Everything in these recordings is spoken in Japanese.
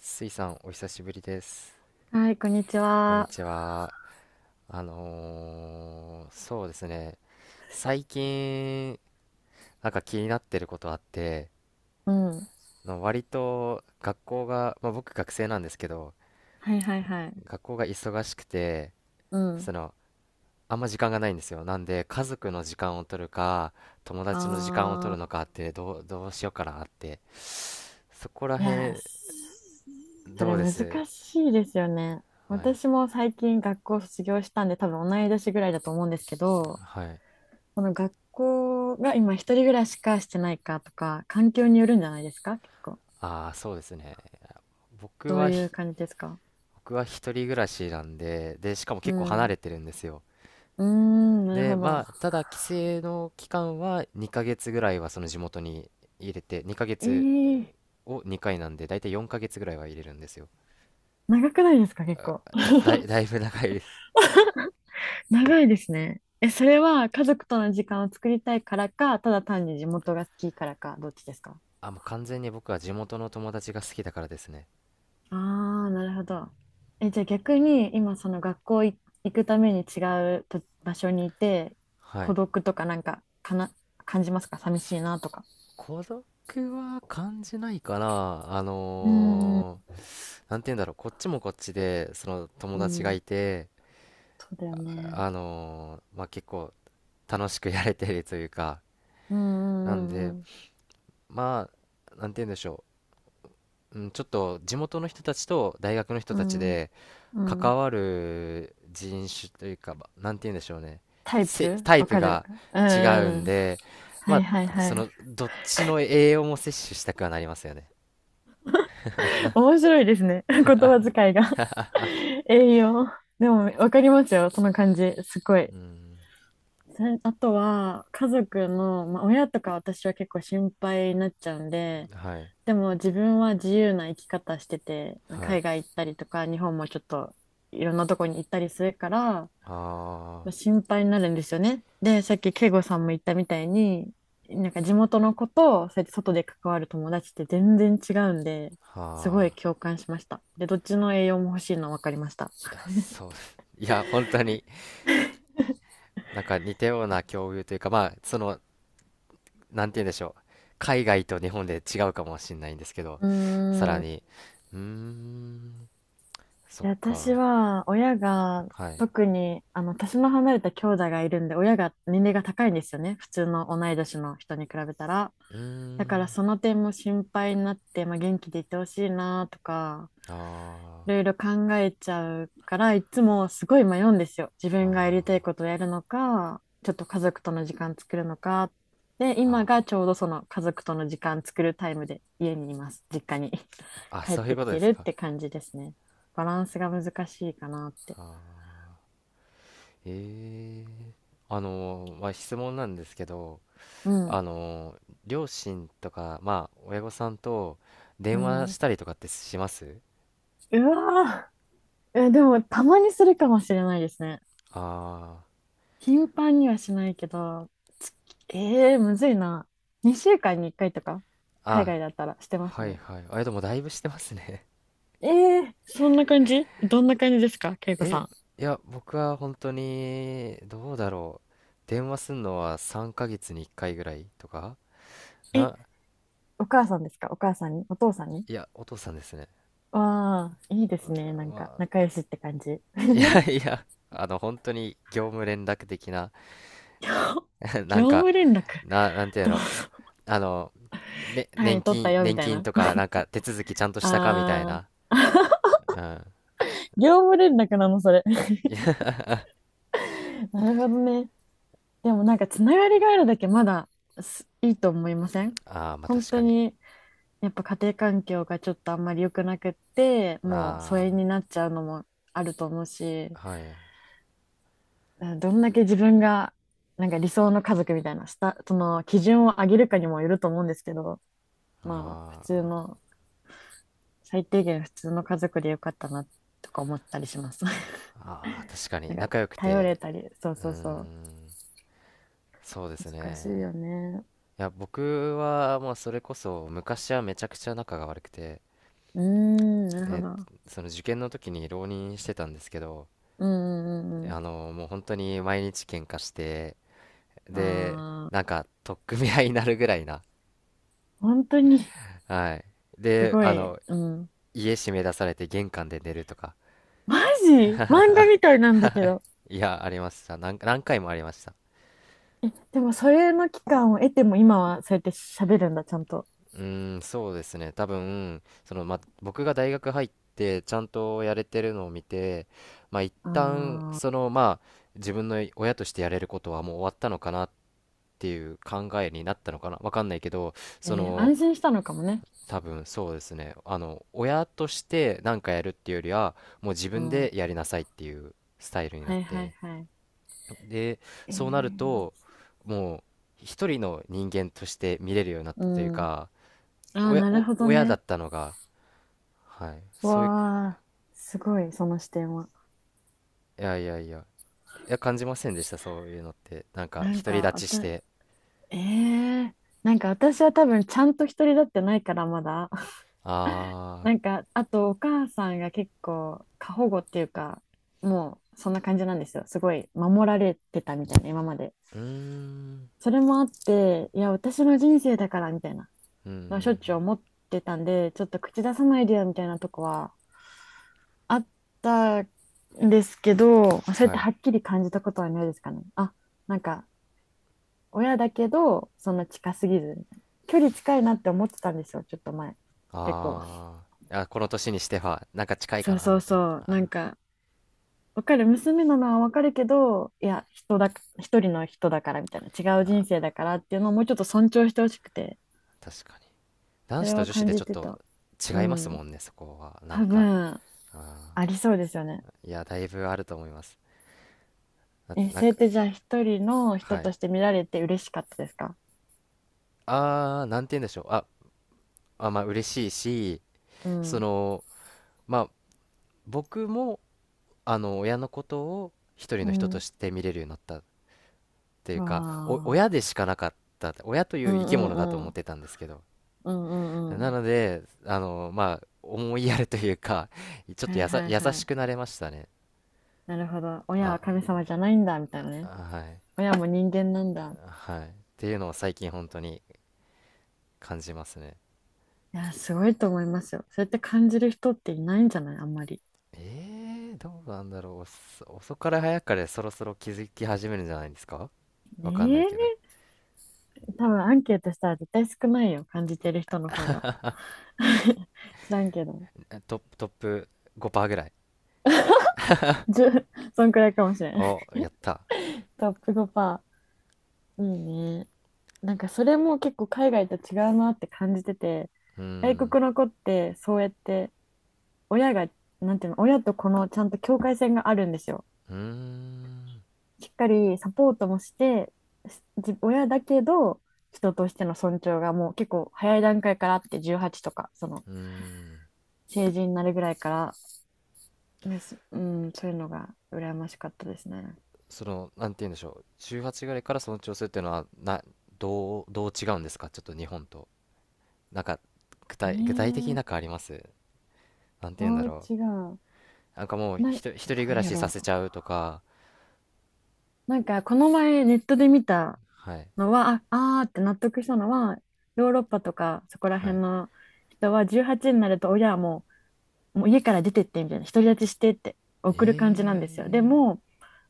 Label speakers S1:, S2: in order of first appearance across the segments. S1: スイさん、お久しぶりです。
S2: はい、こんにち
S1: こんに
S2: は。
S1: ちは。そうですね。最近、なんか気になってることあって、
S2: うん。
S1: の割と学校が、まあ、僕学生なんですけど、
S2: はいはいはい。
S1: 学校が忙しくて、
S2: うん。
S1: その、あんま時間がないんですよ。なんで、家族の時間を取るか、友達の時間を取る
S2: あ
S1: のかって、どうしようかなって。そこら
S2: ー。いやー、
S1: 辺、
S2: そ
S1: ど
S2: れ
S1: うで
S2: 難
S1: す。
S2: しいですよね。
S1: はい。
S2: 私も最近学校を卒業したんで、多分同い年ぐらいだと思うんですけど、
S1: はい。
S2: この学校が今一人暮らしかしてないかとか、環境によるんじゃないですか結構。
S1: ああ、そうですね。僕
S2: どう
S1: は
S2: いう
S1: ひ
S2: 感じですか？
S1: 僕は一人暮らしなんで、で、しかも
S2: う
S1: 結構
S2: ん。
S1: 離
S2: う
S1: れてるんですよ。
S2: ーん、なる
S1: で、
S2: ほど。
S1: まあ、ただ帰省の期間は2ヶ月ぐらいはその地元に入れて、2ヶ
S2: え
S1: 月
S2: ー、
S1: を2回なんで、だいたい4ヶ月ぐらいは入れるんですよ。
S2: 長くないですか結構。
S1: だいぶ長いです。
S2: 長いですね。え、それは家族との時間を作りたいからか、ただ単に地元が好きからか、どっちですか？
S1: あ、もう完全に僕は地元の友達が好きだからですね。
S2: ああー、なるほど。え、じゃあ逆に今その学校行くために違うと場所にいて、
S1: は
S2: 孤
S1: い。
S2: 独とかなんか、かな、感じますか？寂しいなとか。
S1: 孤独は感じないかな。
S2: うんうん
S1: なんて言うんだろう、こっちもこっちで、その友
S2: うん、
S1: 達
S2: う
S1: が
S2: ん、
S1: いて、
S2: そうだよね。
S1: まあ、結構楽しくやれてるというか、
S2: う
S1: なん
S2: んう
S1: で、
S2: ん
S1: まあ、なんて言うんでしょう。うん、ちょっと地元の人たちと大学の人
S2: う
S1: たち
S2: ん。
S1: で
S2: うんうん。
S1: 関わる人種というか、ま、なんて言うんでしょうね。
S2: タイプ
S1: タイ
S2: わ
S1: プ
S2: かる。
S1: が
S2: うんうん
S1: 違
S2: う
S1: う
S2: んうんう
S1: ん
S2: んうん、タイプわ
S1: で、
S2: かる、ううん、は
S1: ま
S2: い
S1: あ、
S2: はいは
S1: その、
S2: い。
S1: どっちの栄養も摂取したくはなりますよね。
S2: 面白いですね。言葉遣いが 栄養。でも、わかりますよ。その感じ。すごい。
S1: うん。
S2: それあとは、家族の、まあ、親とか私は結構心配になっちゃうんで、
S1: はい。
S2: でも自分は自由な生き方してて、
S1: はい。
S2: 海外行ったりとか、日本もちょっといろんなとこに行ったりするから、
S1: あ
S2: ま
S1: あ、
S2: あ心配になるんですよね。で、さっき慶吾さんも言ったみたいに、なんか地元の子と、そうやって外で関わる友達って全然違うんで、すごい
S1: はあ。
S2: 共感しました。で、どっちの栄養も欲しいの分かりました。
S1: いや、そうです。いや、本当に、なんか似たような境遇というか、まあ、その、なんて言うんでしょう。海外と日本で違うかもしれないんですけど、
S2: う
S1: さら
S2: ーん。
S1: に、うーん、そっ
S2: で私
S1: か、
S2: は、親が、
S1: はい。
S2: 特に、年の離れた兄弟がいるんで、親が年齢が高いんですよね。普通の同い年の人に比べたら。
S1: うー
S2: だから、
S1: ん、
S2: その点も心配になって、まあ、元気でいてほしいなとか、
S1: あ
S2: いろいろ考えちゃうから、いつもすごい迷うんですよ。自
S1: ー、
S2: 分がやりたい
S1: あ
S2: ことをやるのか、ちょっと家族との時間作るのか。で、
S1: ー、
S2: 今
S1: あ
S2: がちょうどその家族との時間作るタイムで家にいます。実家に
S1: ー、あ、
S2: 帰っ
S1: そういう
S2: て
S1: こ
S2: き
S1: とで
S2: てる
S1: す
S2: っ
S1: か。
S2: て感じですね。バランスが難しいかなって。
S1: あー、えー、まあ、質問なんですけど、
S2: うん。
S1: あのー両親とか、まあ、親御さんと
S2: う
S1: 電話
S2: ん、
S1: したりとかってします。
S2: うわー、え、でもたまにするかもしれないですね。
S1: あ
S2: 頻繁にはしないけど、つえー、むずいな。2週間に1回とか、
S1: ー、
S2: 海
S1: あ、
S2: 外だったらしてました
S1: はい
S2: ね。
S1: はい。あ、でもだいぶしてますね。
S2: ええ、そんな感じ。どんな感じですか？恵子さ
S1: え、
S2: ん。
S1: いや、僕は本当に、どうだろう。電話すんのは3ヶ月に1回ぐらいとか
S2: え、
S1: な、
S2: お母さんですか？お母さんに、お父さんに。
S1: いや、お父さんですね。
S2: わあ、いいですね。なんか、
S1: ま
S2: 仲
S1: あ、
S2: 良しって感じ。
S1: いや いや、あの、本当に業務連絡的な、な
S2: 業
S1: んか、
S2: 務連絡。
S1: なんていう
S2: どうぞ。
S1: の、あの、ね、
S2: 単
S1: 年
S2: 位取った
S1: 金、
S2: よ、み
S1: 年
S2: たい
S1: 金
S2: な。
S1: とか、なんか手続きちゃんとしたかみたい
S2: あ
S1: な。
S2: あ、
S1: うん。
S2: 業務連絡なの、それ。
S1: いや、
S2: なるほどね。でもなんか、つながりがあるだけまだいいと思いません？
S1: ああ、まあ
S2: 本
S1: 確
S2: 当
S1: かに。
S2: に、やっぱ家庭環境がちょっとあんまり良くなくって、もう疎
S1: あ
S2: 遠になっちゃうのもあると思うし、
S1: あ、はい。あ
S2: うん、どんだけ自分がなんか理想の家族みたいなその基準を上げるかにもよると思うんですけど、まあ普
S1: あ、
S2: 通の、最低限普通の家族でよかったなとか思ったりします。
S1: ああ、確か
S2: な
S1: に。
S2: んか
S1: 仲良く
S2: 頼れ
S1: て、
S2: たり、そう
S1: うー
S2: そうそう、
S1: ん、そうです
S2: 難し
S1: ね。
S2: いよね。
S1: いや、僕は、まあ、それこそ、昔はめちゃくちゃ仲が悪くて、
S2: うーん、なるほ
S1: えー
S2: ど。
S1: その受験の時に浪人してたんですけど、
S2: うんうんうん
S1: あの、もう本当に毎日喧嘩して、
S2: う
S1: で、
S2: ん。あ
S1: なん
S2: あ、
S1: か、取っ組み合いになるぐらいな。
S2: 本当に。
S1: はい。
S2: す
S1: で、
S2: ご
S1: あ
S2: い。
S1: の、
S2: うん。
S1: 家閉め出されて玄関で寝るとか。
S2: マジ。 漫画
S1: は
S2: みたいなんだけど。
S1: い。いや、ありました。何回もありました。
S2: でもそれの期間を得ても今はそうやって喋るんだ、ちゃんと。
S1: うーん、そうですね。多分、その、ま、僕が大学入ってちゃんとやれてるのを見て、まあ、一
S2: あ
S1: 旦、
S2: ー、
S1: その、まあ、自分の親としてやれることはもう終わったのかなっていう考えになったのかな。わかんないけど、その、
S2: 安心したのかもね。
S1: 多分そうですね。あの、親として何かやるっていうよりは、もう自
S2: う
S1: 分で
S2: ん。
S1: やりなさいっていうスタイルになっ
S2: はいはい
S1: て。
S2: は
S1: で、
S2: い。
S1: そうなると、もう、一人の人間として見れるようになっ
S2: う
S1: たという
S2: ん。
S1: か、
S2: ああ、なるほど
S1: 親だ
S2: ね。
S1: ったのが、はい。そういう、
S2: わあ、すごい、その視点は。
S1: いやいやいや、いや、感じませんでした、そういうのって。なんか、
S2: なん
S1: 独り
S2: か、
S1: 立ちして、
S2: ええ、なんか私は多分ちゃんと一人だってないからまだ。
S1: あ
S2: なんか、あとお母さんが結構過保護っていうか、もうそんな感じなんですよ。すごい守られてたみたいな、今まで。
S1: あー、うーん、
S2: それもあって、いや、私の人生だからみたいな、
S1: うん、うん、う
S2: しょっ
S1: ん、
S2: ちゅう思ってたんで、ちょっと口出さないでよみたいなとこはあったんですけど、それっ
S1: は
S2: て
S1: い。
S2: はっきり感じたことはないですかね。あ、なんか、親だけど、そんな近すぎずみたいな、距離近いなって思ってたんですよ、ちょっと前。結構。
S1: あー、あ、この年にしては、なんか近い
S2: そ
S1: か
S2: う
S1: な、
S2: そう
S1: みたいな。
S2: そう、
S1: あ
S2: なんか、わかる、娘なのはわかるけど、いや、一人の人だからみたいな、違う
S1: ー、
S2: 人
S1: あ
S2: 生だからっていうのをもうちょっと尊重してほしくて、
S1: ー、確かに。
S2: そ
S1: 男子
S2: れ
S1: と
S2: を
S1: 女子
S2: 感
S1: でち
S2: じ
S1: ょっ
S2: て
S1: と
S2: た。う
S1: 違いますも
S2: ん。
S1: んね、そこは。なん
S2: 多
S1: か、
S2: 分、あ
S1: あ
S2: りそうですよね。
S1: ー、いや、だいぶあると思います。だって、
S2: え、
S1: なん
S2: それっ
S1: か、
S2: てじゃあ一人の人
S1: はい。
S2: として見られて嬉しかったですか？
S1: ああー、なんて言うんでしょう。あ、あ、まあ、嬉しいし、
S2: う
S1: そ
S2: ん。
S1: の、まあ、僕も、あの親のことを一人
S2: う
S1: の人と
S2: ん、
S1: して見れるようになったっていう
S2: わ
S1: か、お
S2: あ。
S1: 親でしかなかった、親とい
S2: う
S1: う生き
S2: ん
S1: 物
S2: う
S1: だと
S2: んう
S1: 思っ
S2: ん。
S1: てたんですけど、
S2: うんうんう
S1: な
S2: ん。
S1: ので、あの、まあ思いやるというか、ちょっ
S2: は
S1: と
S2: いはい
S1: 優
S2: は
S1: しく
S2: い。
S1: なれましたね。
S2: なるほど。親は神
S1: あ、
S2: 様じゃないんだ、みたいなね。
S1: はい。
S2: 親も人間なんだ。
S1: はいっていうのを最近本当に感じますね。
S2: いや、すごいと思いますよ。そうやって感じる人っていないんじゃない、あんまり。
S1: えー、どうなんだろう、遅かれ早かれそろそろ気づき始めるんじゃないですか。わかんないけど、
S2: ええ、多分アンケートしたら絶対少ないよ。感じてる人の方が。知らんけど。
S1: え、トップ5%ぐらい。
S2: 1、そんくらいかもしれん。
S1: おやった。
S2: トップ5%。いいね。なんかそれも結構海外と違うなって感じてて、
S1: うー
S2: 外
S1: ん、
S2: 国の子ってそうやって親が、なんていうの、親とこのちゃんと境界線があるんですよ。
S1: うーん、
S2: しっかりサポートもして、親だけど、人としての尊重がもう結構早い段階からあって、18とか、その
S1: うーん、
S2: 成人になるぐらいから、ね、そういうのが羨ましかったですね。
S1: その、なんて言うんでしょう、18ぐらいからその調整っていうのは、どう違うんですか、ちょっと日本と。なんか、
S2: え
S1: 具体的に
S2: ー、
S1: なんかあります。なんて言うん
S2: ど
S1: だ
S2: う
S1: ろ
S2: 違う。
S1: う。なんかもう、
S2: な、
S1: 一人暮
S2: な
S1: ら
S2: んや
S1: しさ
S2: ろ、
S1: せちゃうとか、
S2: なんか、この前ネットで見た
S1: はい、
S2: のは、あーって納得したのは、ヨーロッパとかそこら
S1: は
S2: 辺
S1: い。
S2: の人は18になると親はもう家から出てってみたいな、独り立ちしてって
S1: え
S2: 送る感じなんですよ。で
S1: え、
S2: も、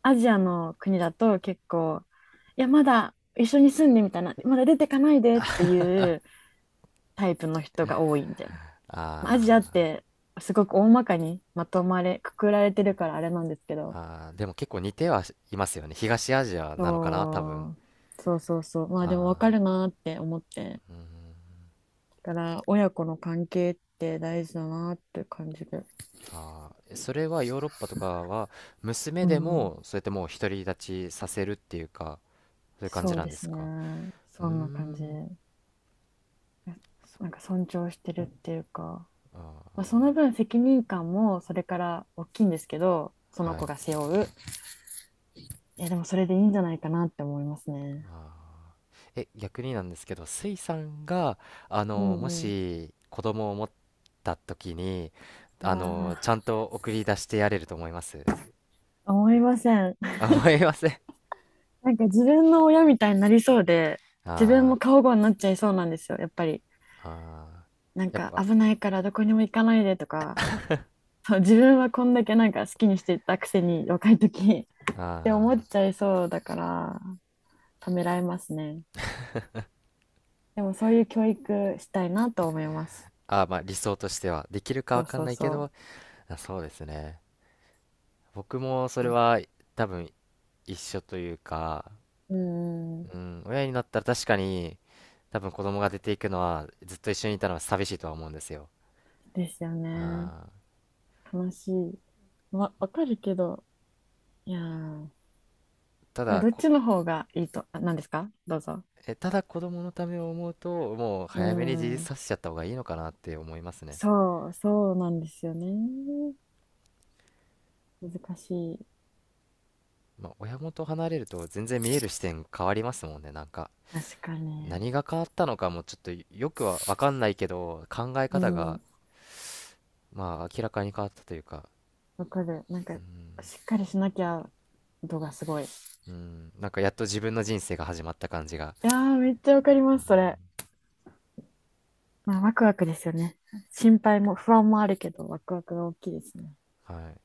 S2: アジアの国だと結構、いや、まだ一緒に住んでみたいな、まだ出てかないでっていうタイプの人が多いみたいな。まあアジアっ
S1: あ
S2: てすごく大まかにまとまれ、くくられてるからあれなんですけ
S1: ー、
S2: ど、
S1: あー、でも結構似てはいますよね。東アジアなのかな、多分。
S2: そうそうそうそう、まあでも分
S1: あ
S2: かるなーって思って、だから親子の関係って大事だなーって感じで、
S1: ー、あー、それはヨーロッパとかは、娘
S2: う
S1: で
S2: ん、
S1: も、そうやってもう独り立ちさせるっていうか、そういう感
S2: そ
S1: じ
S2: う
S1: なん
S2: で
S1: で
S2: す
S1: す
S2: ね、
S1: か。うー
S2: そんな感じ。
S1: ん、
S2: なんか尊重してるっていうか、
S1: あ
S2: まあ、その分責任感もそれから大きいんですけど、そ
S1: ー、
S2: の
S1: は
S2: 子
S1: い。
S2: が背負う。いや、でもそれでいいんじゃないかなって思いますね。
S1: あー、え、逆になんですけど、スイさんがあ
S2: う
S1: のも
S2: んうん。
S1: し子供を持った時に、
S2: う
S1: あの、
S2: わ
S1: ちゃんと送り出してやれると思います。
S2: ぁ、思いません。
S1: あ、思いません。
S2: なんか自分の親みたいになりそうで、自分
S1: あ
S2: も過保護になっちゃいそうなんですよ、やっぱり。
S1: ー、あ
S2: なん
S1: ー、やっ
S2: か
S1: ぱ、
S2: 危ないからどこにも行かないでとか、そう、自分はこんだけなんか好きにしてたくせに若い時
S1: あ
S2: って思っ
S1: ー、
S2: ちゃいそうだから、ためらいますね。でもそういう教育したいなと思います。
S1: あー、まあ理想としてはできるか
S2: そ
S1: わ
S2: う
S1: かん
S2: そう
S1: ないけ
S2: そ
S1: ど、
S2: う。
S1: あ、そうですね。僕もそれ
S2: あ、
S1: は多分一緒というか、
S2: うん、
S1: うん、親になったら確かに多分子供が出ていくのは、ずっと一緒にいたのは寂しいとは思うんですよ。
S2: ですよ
S1: あ
S2: ね。
S1: ー、
S2: 楽しい。わかるけど、いやー、
S1: た
S2: え、
S1: だ
S2: どっ
S1: こ、
S2: ちの方がいいと、あ、何ですか？どうぞ。
S1: え、ただ子供のためを思うと、もう
S2: う
S1: 早めに自立
S2: ん、
S1: させちゃった方がいいのかなって思いますね。
S2: そうなんですよね。難しい。
S1: まあ、親元離れると全然見える視点変わりますもんね、なんか。
S2: 確かに。
S1: 何が変わったのかもちょっとよくは分かんないけど、考え
S2: う
S1: 方が
S2: ん、
S1: まあ明らかに変わったというか、
S2: わかる。なんか、しっかりしなきゃ度がすごい。い
S1: うん、なんかやっと自分の人生が始まった感じが、
S2: やー、めっちゃわかり
S1: う
S2: ます、そ
S1: ん、
S2: れ。まあ、ワクワクですよね。心配も不安もあるけど、ワクワクが大きいですね。
S1: はい